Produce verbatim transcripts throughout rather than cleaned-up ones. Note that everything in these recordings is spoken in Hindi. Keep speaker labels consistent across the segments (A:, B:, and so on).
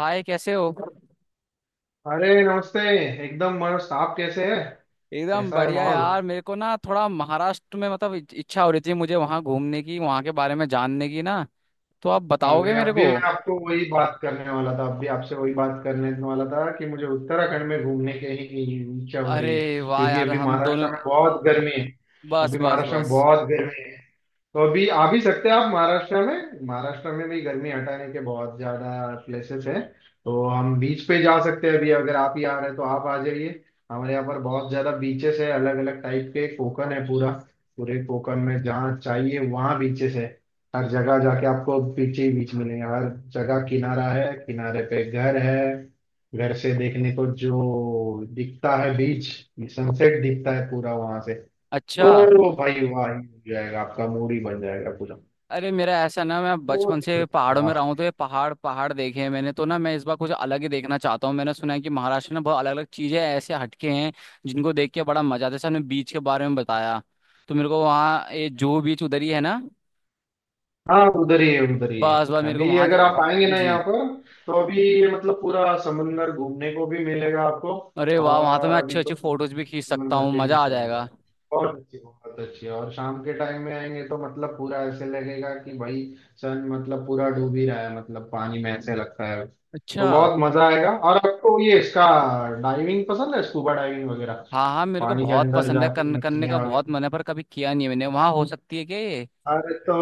A: हाय कैसे हो।
B: अरे नमस्ते। एकदम मस्त, आप कैसे हैं?
A: एकदम
B: कैसा है
A: बढ़िया
B: माहौल?
A: यार, मेरे को ना थोड़ा महाराष्ट्र में मतलब इच- इच्छा हो रही थी, मुझे वहाँ घूमने की, वहाँ के बारे में जानने की ना। तो आप बताओगे
B: अरे
A: मेरे को।
B: अभी मैं आपको वही बात करने वाला था, अभी आपसे वही बात करने वाला था कि मुझे उत्तराखंड में घूमने की ही इच्छा हो
A: अरे
B: रही है।
A: वाह
B: क्योंकि
A: यार,
B: अभी
A: हम दोनों।
B: महाराष्ट्र में बहुत गर्मी है,
A: बस
B: अभी
A: बस
B: महाराष्ट्र में
A: बस।
B: बहुत गर्मी है। तो अभी आ भी सकते हैं आप महाराष्ट्र में, महाराष्ट्र में भी गर्मी हटाने के बहुत ज्यादा प्लेसेस हैं। तो हम बीच पे जा सकते हैं, अभी अगर आप ही आ रहे हैं तो आप आ जाइए। हमारे यहाँ पर बहुत ज्यादा बीचेस है, अलग अलग टाइप के। कोकण है पूरा, पूरे कोकण में जहाँ चाहिए वहाँ बीचेस है। हर जगह जाके आपको बीच ही बीच मिलेंगे, हर जगह किनारा है, किनारे पे घर है। घर से देखने को जो दिखता है बीच, सनसेट दिखता है पूरा वहां से।
A: अच्छा।
B: तो भाई वाह ही हो जाएगा, आपका मूड ही बन जाएगा पूरा।
A: अरे मेरा ऐसा ना, मैं बचपन
B: तो
A: से पहाड़ों में रहा हूँ तो ये पहाड़ पहाड़ देखे हैं मैंने, तो ना मैं इस बार कुछ अलग ही देखना चाहता हूँ। मैंने सुना है कि महाराष्ट्र में बहुत अलग अलग चीजें ऐसे हटके हैं जिनको देख के बड़ा मजा आता है। जैसे आपने बीच के बारे में बताया, तो मेरे को वहाँ, ये जो बीच उधर ही है ना।
B: हाँ, उधर ही है, उधर ही है।
A: बस बस मेरे को
B: अभी
A: वहाँ जा।
B: अगर आप आएंगे ना
A: जी।
B: यहाँ पर, तो अभी ये मतलब पूरा समंदर घूमने को भी मिलेगा आपको।
A: अरे वाह, वहां तो मैं
B: और
A: अच्छे
B: अभी
A: अच्छे
B: तो
A: फोटोज भी खींच सकता
B: समंदर
A: हूँ,
B: पे ही
A: मजा आ
B: चल रहा
A: जाएगा।
B: है, बहुत अच्छी बहुत अच्छी। और शाम के टाइम में आएंगे तो मतलब पूरा ऐसे लगेगा कि भाई सन मतलब पूरा डूब ही रहा है, मतलब पानी में ऐसे लगता है, तो
A: अच्छा।
B: बहुत मजा आएगा। और आपको ये इसका डाइविंग पसंद है, स्कूबा डाइविंग वगैरह?
A: हाँ हाँ, मेरे को
B: पानी के
A: बहुत
B: अंदर
A: पसंद है,
B: जाके
A: करने करने का
B: मछलियां,
A: बहुत मन है पर कभी किया नहीं है मैंने। वहाँ हो सकती है क्या ये?
B: अरे तो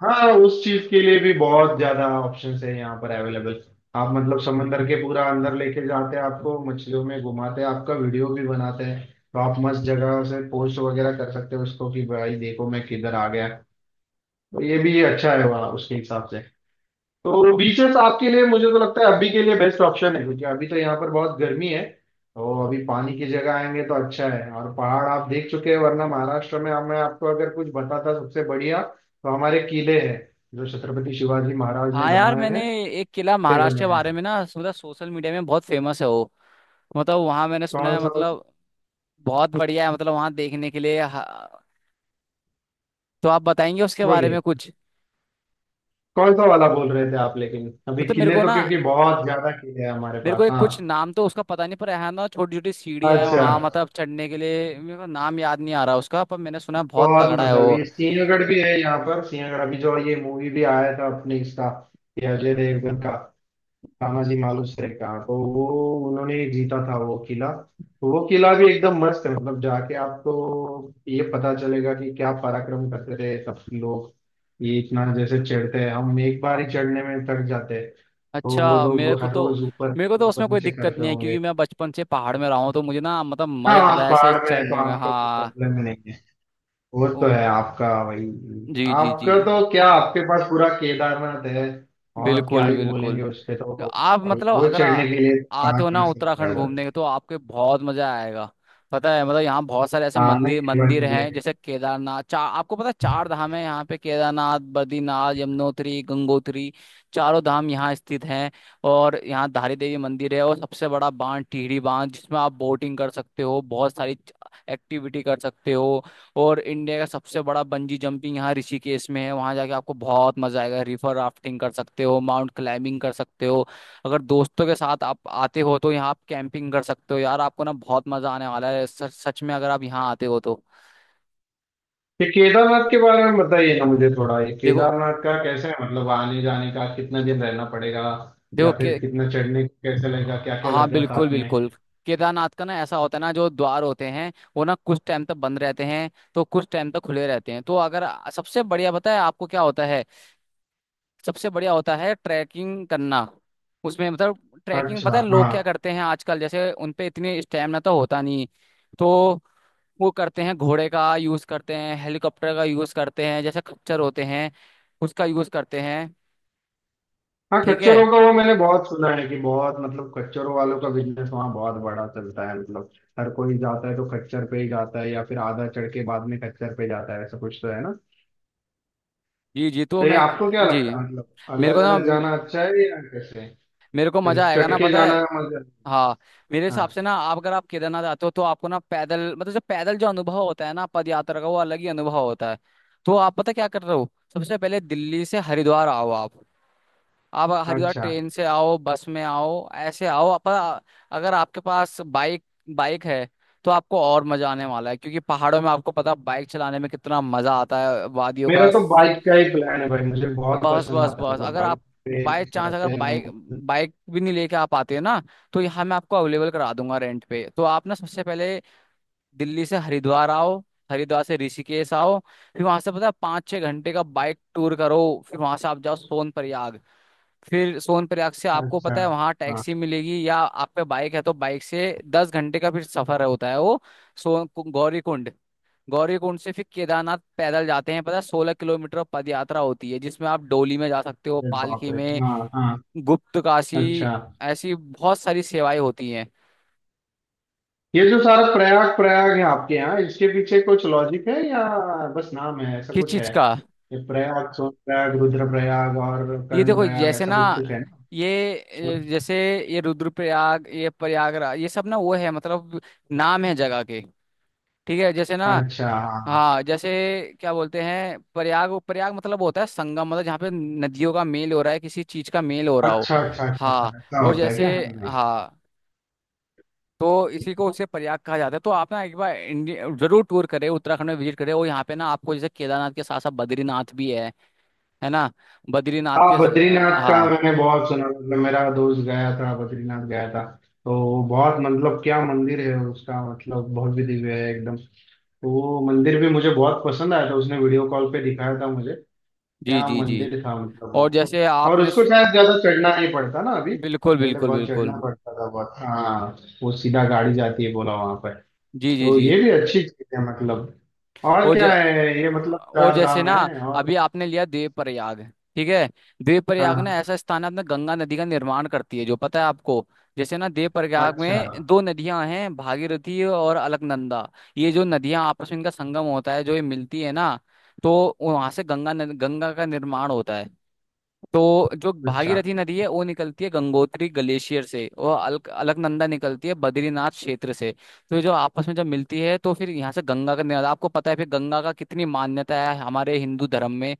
B: हाँ, उस चीज के लिए भी बहुत ज्यादा ऑप्शंस है यहाँ पर अवेलेबल। आप मतलब समंदर के पूरा अंदर लेके जाते हैं आपको, मछलियों में घुमाते हैं, आपका वीडियो भी बनाते हैं। तो आप मस्त जगह से पोस्ट वगैरह कर सकते हो उसको कि भाई देखो मैं किधर आ गया। तो ये भी अच्छा है वहाँ उसके हिसाब से। तो बीचेस आपके लिए मुझे तो लगता है अभी के लिए बेस्ट ऑप्शन है, क्योंकि अभी तो यहाँ पर बहुत गर्मी है। और अभी पानी की जगह आएंगे तो अच्छा है। और पहाड़ आप देख चुके हैं, वरना महाराष्ट्र में हम- मैं आपको अगर कुछ बताता सबसे बढ़िया, तो हमारे किले हैं जो छत्रपति शिवाजी महाराज ने
A: हाँ यार,
B: बनवाए
A: मैंने
B: हैं।
A: एक किला
B: किले
A: महाराष्ट्र
B: बने
A: के बारे
B: हैं।
A: में ना, मतलब सोशल मीडिया में बहुत फेमस है वो। मतलब वहाँ मैंने सुना
B: कौन
A: है,
B: सा?
A: मतलब बहुत बढ़िया है मतलब, वहाँ देखने के लिए। हाँ, तो आप बताएंगे उसके बारे
B: बोलिए,
A: में कुछ?
B: कौन सा वाला बोल रहे थे आप? लेकिन अभी
A: मतलब मेरे
B: किले
A: को
B: तो
A: ना,
B: क्योंकि बहुत ज्यादा किले हैं हमारे
A: मेरे को
B: पास।
A: एक,
B: हाँ,
A: कुछ नाम तो उसका पता नहीं, पर यहाँ ना छोटी छोटी सीढ़ियाँ हैं
B: अच्छा,
A: वहाँ, मतलब चढ़ने के लिए। मेरे को नाम याद नहीं आ रहा उसका, पर मैंने सुना है बहुत
B: बहुत
A: तगड़ा है
B: मजा भी
A: वो।
B: है। सिंहगढ़ भी है यहाँ पर, सिंहगढ़ अभी जो ये मूवी भी आया था अपने इसका, ये अजय देवगन का, तानाजी मालुसरे का, तो वो उन्होंने जीता था वो किला। तो वो किला भी एकदम मस्त है, मतलब जाके आपको ये पता चलेगा कि क्या पराक्रम करते थे सब लोग। ये इतना जैसे चढ़ते हैं, हम एक बार ही चढ़ने में थक जाते हैं, तो वो
A: अच्छा, मेरे
B: लोग
A: को
B: हर
A: तो,
B: रोज ऊपर
A: मेरे को तो
B: ऊपर
A: उसमें कोई
B: नीचे
A: दिक्कत
B: करते
A: नहीं है, क्योंकि
B: होंगे।
A: मैं बचपन से पहाड़ में रहा हूँ तो मुझे ना मतलब
B: हाँ,
A: मजा आता
B: आप
A: है
B: पहाड़
A: ऐसे
B: में है तो
A: चढ़ने में।
B: आपको कोई
A: हाँ।
B: प्रॉब्लम ही नहीं है। वो
A: ओ,
B: तो है आपका वही,
A: जी जी जी।
B: आपका तो क्या, आपके पास पूरा केदारनाथ है, और क्या
A: बिल्कुल
B: ही
A: बिल्कुल।
B: बोलेंगे उस पे। तो
A: तो आप
B: और
A: मतलब
B: वो
A: अगर
B: चढ़ने
A: आ,
B: के लिए
A: आते
B: कहाँ
A: हो
B: कहाँ
A: ना
B: से लोग
A: उत्तराखंड
B: आ जाते
A: घूमने
B: हैं।
A: के, तो आपके बहुत मजा आएगा। पता है, मतलब यहाँ बहुत सारे ऐसे
B: हाँ नहीं,
A: मंदिर
B: एक बार
A: मंदिर हैं।
B: मुझे,
A: जैसे केदारनाथ, चार, आपको पता है चार धाम है यहाँ पे, केदारनाथ, बद्रीनाथ, यमुनोत्री, गंगोत्री। चारों धाम यहाँ स्थित हैं। और यहाँ धारी देवी मंदिर है, और सबसे बड़ा बांध टिहरी बांध, जिसमें आप बोटिंग कर सकते हो, बहुत सारी एक्टिविटी कर सकते हो। और इंडिया का सबसे बड़ा बंजी जंपिंग यहाँ ऋषिकेश में है, वहां जाके आपको बहुत मजा आएगा। रिवर राफ्टिंग कर सकते हो, माउंट क्लाइंबिंग कर सकते हो। अगर दोस्तों के साथ आप आते हो, तो यहाँ आप कैंपिंग कर सकते हो। यार आपको ना बहुत मजा आने वाला है सच सच में, अगर आप यहाँ आते हो तो।
B: ये केदारनाथ के बारे में बताइए ना मुझे थोड़ा, ये
A: देखो
B: केदारनाथ का कैसे है, मतलब आने जाने का, कितना दिन रहना पड़ेगा
A: देखो
B: या
A: के
B: फिर कितना चढ़ने को कैसे लगेगा, क्या क्या
A: हाँ
B: लगेगा
A: बिल्कुल
B: साथ में।
A: बिल्कुल। केदारनाथ का ना ऐसा होता है ना, जो द्वार होते हैं वो ना कुछ टाइम तक बंद रहते हैं, तो कुछ टाइम तक खुले रहते हैं, तो अगर, सबसे बढ़िया पता है आपको क्या होता है? सबसे बढ़िया होता है ट्रैकिंग करना। उसमें मतलब ट्रैकिंग,
B: अच्छा
A: पता है लोग
B: हाँ,
A: क्या करते हैं आजकल, जैसे उन पे इतनी स्टैमिना तो होता नहीं, तो वो करते हैं घोड़े का यूज करते हैं, हेलीकॉप्टर का यूज करते हैं, जैसे खच्चर होते हैं उसका यूज करते हैं।
B: हाँ
A: ठीक है,
B: कच्चरों का वो मैंने बहुत सुना है कि बहुत, मतलब कच्चरों वालों का बिजनेस वहाँ बहुत बड़ा चलता है, मतलब हर कोई जाता है तो खच्चर पे ही जाता है, या फिर आधा चढ़ के बाद में खच्चर पे जाता है, ऐसा कुछ तो है ना।
A: जी जी, तो
B: तो ये
A: मैं,
B: आपको क्या
A: जी,
B: लगता है, मतलब
A: मेरे को
B: अलग
A: ना,
B: अलग जाना अच्छा है या कैसे,
A: मेरे को मजा
B: चल
A: आएगा
B: चढ़
A: ना
B: के
A: पता है।
B: जाना मजा?
A: हाँ, मेरे हिसाब से
B: हाँ,
A: ना, आप अगर आप केदारनाथ आते हो, तो आपको ना पैदल मतलब, जो पैदल जो अनुभव होता है ना पद यात्रा का, वो अलग ही अनुभव होता है। तो आप पता क्या कर रहे हो, सबसे पहले दिल्ली से हरिद्वार आओ आप। आप हरिद्वार
B: अच्छा।
A: ट्रेन से आओ, बस में आओ, ऐसे आओ, पर अगर आपके पास बाइक बाइक है, तो आपको और मजा आने वाला है, क्योंकि पहाड़ों में आपको पता बाइक चलाने में कितना मजा आता है वादियों
B: मेरा
A: का।
B: तो बाइक का ही प्लान है भाई, मुझे बहुत
A: बस
B: पसंद
A: बस
B: आता है,
A: बस,
B: मतलब
A: अगर
B: बाइक
A: आप
B: पे
A: बाय चांस अगर
B: रहते हैं ना
A: बाइक
B: मतलब।
A: बाइक भी नहीं लेके आप आते हैं ना, तो यहाँ मैं आपको अवेलेबल करा दूंगा रेंट पे। तो आप ना, सबसे पहले दिल्ली से हरिद्वार आओ, हरिद्वार से ऋषिकेश आओ, फिर वहां से पता है पाँच छः घंटे का बाइक टूर करो। फिर वहां से आप जाओ सोन प्रयाग। फिर सोन प्रयाग से आपको
B: अच्छा,
A: पता है वहां
B: हाँ।
A: टैक्सी मिलेगी, या आप पे बाइक है तो बाइक से दस घंटे का फिर सफर होता है वो। सोन गौरीकुंड, गौरी कुंड से फिर केदारनाथ पैदल जाते हैं, पता है सोलह किलोमीटर पद यात्रा होती है, जिसमें आप डोली में जा सकते हो,
B: अरे बाप
A: पालकी
B: रे!
A: में।
B: हाँ हाँ।
A: गुप्त काशी,
B: अच्छा,
A: ऐसी बहुत सारी सेवाएं होती हैं।
B: ये जो सारा प्रयाग प्रयाग है आपके यहाँ, इसके पीछे कुछ लॉजिक है या बस नाम है, ऐसा
A: किस
B: कुछ है?
A: चीज का?
B: ये प्रयाग, सोन प्रयाग, रुद्र प्रयाग और
A: ये
B: कर्ण
A: देखो
B: प्रयाग,
A: जैसे
B: ऐसा
A: ना,
B: कुछ कुछ है ना?
A: ये, ये- जैसे, ये रुद्रप्रयाग, ये प्रयागराज, ये सब ना वो है मतलब नाम है जगह के। ठीक है जैसे ना।
B: हाँ। अच्छा, हाँ।
A: हाँ जैसे, क्या बोलते हैं प्रयाग, प्रयाग मतलब होता है संगम, मतलब जहाँ पे नदियों का मेल हो रहा है, किसी चीज का मेल हो रहा हो।
B: अच्छा अच्छा अच्छा
A: हाँ,
B: अच्छा, ऐसा
A: और
B: होता है
A: जैसे,
B: क्या? हाँ हाँ।
A: हाँ, तो इसी को उसे प्रयाग कहा जाता है। तो आप ना एक बार इंडिया जरूर टूर करें, उत्तराखंड में विजिट करें। और यहाँ पे ना आपको जैसे केदारनाथ के साथ साथ बद्रीनाथ भी है है ना? बद्रीनाथ
B: हाँ,
A: के स-
B: बद्रीनाथ का
A: हाँ
B: मैंने बहुत सुना, मतलब मेरा दोस्त गया था, बद्रीनाथ गया था। तो बहुत मतलब क्या मंदिर है उसका, मतलब बहुत भी दिव्य है एकदम। तो वो मंदिर भी मुझे बहुत पसंद आया था, उसने वीडियो कॉल पे दिखाया था मुझे।
A: जी
B: क्या
A: जी जी।
B: मंदिर था मतलब
A: और
B: वो!
A: जैसे
B: और
A: आपने
B: उसको
A: स-
B: शायद ज्यादा चढ़ना नहीं पड़ता ना अभी,
A: बिल्कुल
B: पहले
A: बिल्कुल
B: बहुत
A: बिल्कुल।
B: चढ़ना पड़ता था बहुत, हाँ। वो सीधा गाड़ी जाती है, बोला, वहां पर।
A: जी जी
B: तो
A: जी।
B: ये भी अच्छी चीज है मतलब। और
A: और
B: क्या
A: जै,
B: है ये, मतलब
A: और
B: चार
A: जैसे
B: धाम
A: ना,
B: है और,
A: अभी आपने लिया देव प्रयाग। ठीक है, देव प्रयाग ना
B: हाँ,
A: ऐसा स्थान है, अपना गंगा नदी का निर्माण करती है, जो पता है आपको। जैसे ना देव प्रयाग
B: अच्छा
A: में दो नदियां हैं, भागीरथी और अलकनंदा। ये जो नदियां आपस में इनका संगम होता है, जो ये मिलती है ना, तो वहां से गंगा नद- गंगा का निर्माण होता है। तो जो
B: अच्छा।
A: भागीरथी नदी है वो निकलती है गंगोत्री ग्लेशियर से, और अलक, अलकनंदा निकलती है बद्रीनाथ क्षेत्र से। तो ये जो आपस में जब मिलती है, तो फिर यहाँ से गंगा का निकल, आपको पता है फिर गंगा का कितनी मान्यता है हमारे हिंदू धर्म में।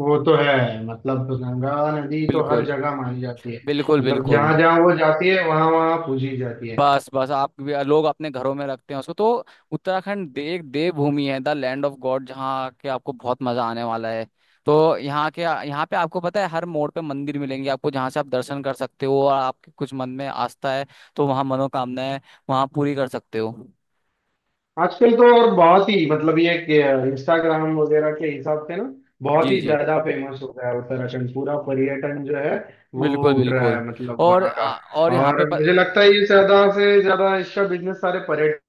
B: वो तो है, मतलब गंगा नदी तो हर
A: बिल्कुल
B: जगह मानी जाती है,
A: बिल्कुल
B: मतलब
A: बिल्कुल।
B: जहां जहां वो जाती है, वहां वहां पूजी जाती है।
A: बस बस, आप भी लोग अपने घरों में रखते हैं उसको तो। उत्तराखंड दे, एक देवभूमि है, द लैंड ऑफ गॉड, जहाँ के आपको बहुत मजा आने वाला है। तो यहाँ के, यहाँ पे आपको पता है हर मोड़ पे मंदिर मिलेंगे आपको, जहाँ से आप दर्शन कर सकते हो, और आपके कुछ मन में आस्था है तो वहाँ मनोकामनाएं वहाँ पूरी कर सकते हो।
B: आजकल तो और बहुत ही मतलब ये इंस्टाग्राम वगैरह के हिसाब से ना बहुत
A: जी
B: ही
A: जी।
B: ज्यादा फेमस हो गया है उत्तराखंड, पूरा पर्यटन जो है वो
A: बिल्कुल
B: उठ रहा
A: बिल्कुल।
B: है मतलब
A: और
B: वहाँ का।
A: आ, और यहाँ पे
B: और
A: प,
B: मुझे लगता है ये ज्यादा से ज्यादा इसका बिजनेस सारे पर्यटन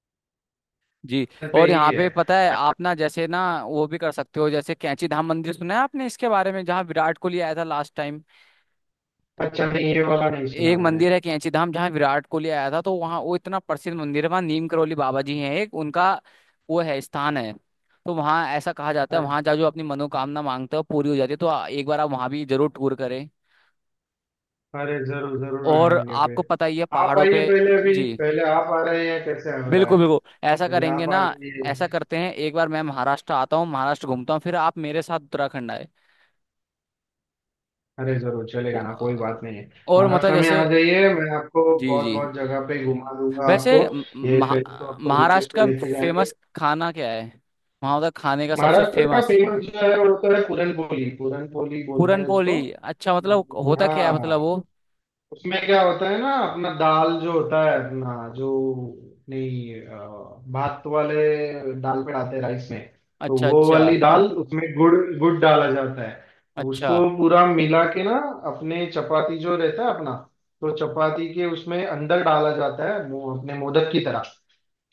A: जी,
B: पे
A: और
B: ही
A: यहाँ
B: है।
A: पे पता है आप ना जैसे ना, वो भी कर सकते हो, जैसे कैंची धाम मंदिर सुना है आपने इसके बारे में, जहाँ विराट कोहली आया था लास्ट टाइम।
B: अच्छा, नहीं, ये वाला नहीं सुना
A: एक
B: मैंने।
A: मंदिर है कैंची धाम, जहाँ विराट कोहली आया था। तो वहाँ वो इतना प्रसिद्ध मंदिर है, वहाँ नीम करोली बाबा जी हैं, एक उनका वो है, स्थान है। तो वहाँ ऐसा कहा जाता है, वहाँ
B: अच्छा,
A: जा जो अपनी मनोकामना मांगते हो पूरी हो जाती है। तो आ- एक बार आप वहाँ भी जरूर टूर करें।
B: अरे जरूर जरूर
A: और
B: आएंगे फिर।
A: आपको पता ही है
B: आप
A: पहाड़ों
B: आइए
A: पे।
B: पहले, अभी
A: जी
B: पहले आप आ रहे हैं, कैसे हो रहा
A: बिल्कुल
B: है?
A: बिल्कुल। ऐसा
B: पहले
A: करेंगे
B: आप आ
A: ना, ऐसा
B: जाइए।
A: करते हैं, एक बार मैं महाराष्ट्र आता हूँ, महाराष्ट्र घूमता हूँ, फिर आप मेरे साथ उत्तराखंड आए।
B: अरे जरूर चलेगा ना, कोई बात
A: वो-
B: नहीं है।
A: और मतलब
B: महाराष्ट्र में
A: जैसे,
B: आ जाइए, मैं आपको
A: जी
B: बहुत
A: जी।
B: बहुत जगह पे घुमा दूंगा
A: वैसे
B: आपको।
A: म-
B: ये
A: महा,
B: पहले तो आपको बीचेस
A: महाराष्ट्र का
B: पे लेके जाएंगे।
A: फेमस खाना क्या है, वहाँ का खाने का सबसे
B: महाराष्ट्र का
A: फेमस?
B: फेमस जो है वो तो है पूरन पोली, पूरन पोली बोलते हैं
A: पूरनपोली,
B: उसको।
A: अच्छा मतलब होता
B: हाँ
A: क्या है, मतलब वो?
B: हाँ। उसमें क्या होता है ना, अपना दाल जो होता है अपना जो, नहीं अ, भात वाले दाल पे डालते हैं, राइस में। तो
A: अच्छा
B: वो
A: अच्छा
B: वाली दाल, उसमें गुड़ गुड़ डाला जाता है, उसको
A: अच्छा।
B: पूरा मिला के ना, अपने चपाती जो रहता है अपना, तो चपाती के उसमें अंदर डाला जाता है वो, अपने मोदक की तरह।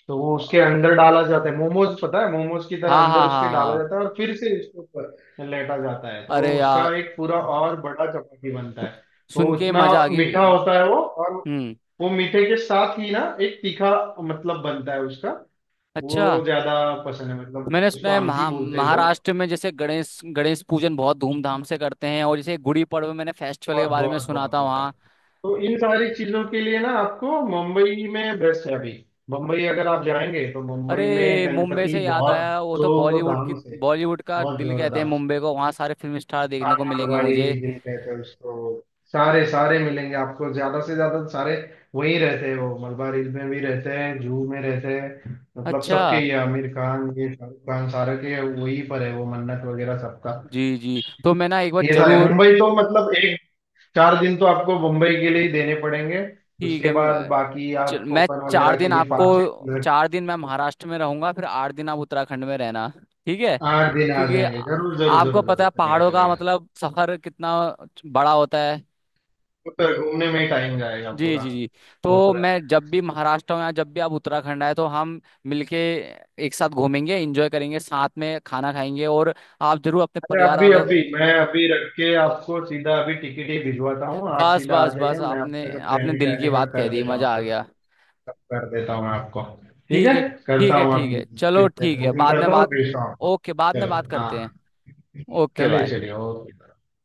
B: तो वो उसके
A: हाँ
B: अंदर डाला जाता है, मोमोज पता है, मोमोज की तरह
A: हाँ
B: अंदर
A: हाँ
B: उसके डाला
A: हाँ।
B: जाता है, और फिर से उसके ऊपर लेटा जाता है, तो
A: अरे
B: उसका
A: यार,
B: एक पूरा और बड़ा चपाती बनता है। तो
A: सुन के
B: उतना
A: मजा आ गई।
B: मीठा होता है वो। और
A: हम्म।
B: वो मीठे के साथ ही ना एक तीखा मतलब बनता है उसका,
A: अच्छा।
B: वो ज्यादा पसंद है, मतलब
A: मैंने सुना
B: उसको
A: है
B: आमटी
A: महा,
B: बोलते हैं लोग।
A: महाराष्ट्र में जैसे गणेश गणेश पूजन बहुत धूमधाम से करते हैं, और जैसे गुड़ी पड़वा, मैंने फेस्टिवल के
B: बहुत
A: बारे में
B: बहुत
A: सुना
B: बहुत
A: था वहाँ।
B: बहुत। तो इन सारी चीजों के लिए ना आपको मुंबई में बेस्ट है अभी, मुंबई अगर आप जाएंगे तो मुंबई में
A: अरे मुंबई
B: गणपति
A: से याद
B: बहुत
A: आया, वो तो
B: जोर
A: बॉलीवुड की,
B: धाम से,
A: बॉलीवुड का
B: बहुत
A: दिल
B: जोर
A: कहते हैं
B: धाम से।
A: मुंबई को, वहाँ सारे फिल्म स्टार देखने
B: हाँ
A: को मिलेंगे
B: भाई,
A: मुझे।
B: दिल कहते हैं उसको। सारे सारे मिलेंगे आपको, ज्यादा से ज्यादा तो सारे वही रहते हैं वो, मलबार हिल में भी रहते हैं, जूहू में रहते हैं, मतलब
A: अच्छा।
B: सबके, ये आमिर खान, ये शाहरुख खान, सारे के वही पर है वो मन्नत वगैरह सबका।
A: जी जी, तो मैं ना एक बार
B: ये सारे
A: जरूर।
B: मुंबई तो मतलब एक चार दिन तो आपको मुंबई के लिए ही देने पड़ेंगे।
A: ठीक है,
B: उसके बाद
A: मैं
B: बाकी
A: चल-
B: आप
A: मैं
B: कोकण
A: चार
B: वगैरह
A: दिन
B: के लिए
A: आपको,
B: पाँच छह दिन।
A: चार दिन मैं महाराष्ट्र में रहूंगा, फिर आठ दिन आप उत्तराखंड में रहना। ठीक है?
B: आठ दिन आ
A: क्योंकि
B: जाएंगे,
A: आ-
B: जरूर जरूर
A: आपको
B: जरूर
A: पता है
B: जरूर, चलेगा
A: पहाड़ों का
B: चलेगा।
A: मतलब सफर कितना बड़ा होता है।
B: वो तो घूमने में ही टाइम जाएगा
A: जी
B: पूरा।
A: जी जी।
B: वो
A: तो
B: तो है।
A: मैं जब भी महाराष्ट्र हूँ या जब भी आप उत्तराखंड आए, तो हम मिलके एक साथ घूमेंगे, एंजॉय करेंगे, साथ में खाना खाएंगे, और आप जरूर अपने
B: अरे
A: परिवार
B: अभी
A: वालों,
B: अभी मैं अभी रख के आपको सीधा अभी टिकट ही भिजवाता हूँ, आप
A: बस
B: सीधा आ
A: बस बस,
B: जाइए, मैं
A: आपने
B: आपका सब
A: आपने
B: रहने
A: दिल की
B: कहने का
A: बात कह
B: कर
A: दी,
B: देता
A: मजा आ
B: हूँ,
A: गया।
B: कर देता हूँ आपको। ठीक
A: ठीक
B: है,
A: है ठीक
B: करता
A: है
B: हूँ
A: ठीक
B: अभी,
A: है, चलो
B: फिर
A: ठीक है,
B: बुकिंग
A: बाद में
B: करता हूँ और
A: बात,
B: भेजता हूँ आपको।
A: ओके बाद में बात
B: चलो
A: करते हैं।
B: हाँ,
A: ओके
B: चलिए
A: बाय।
B: चलिए, ओके।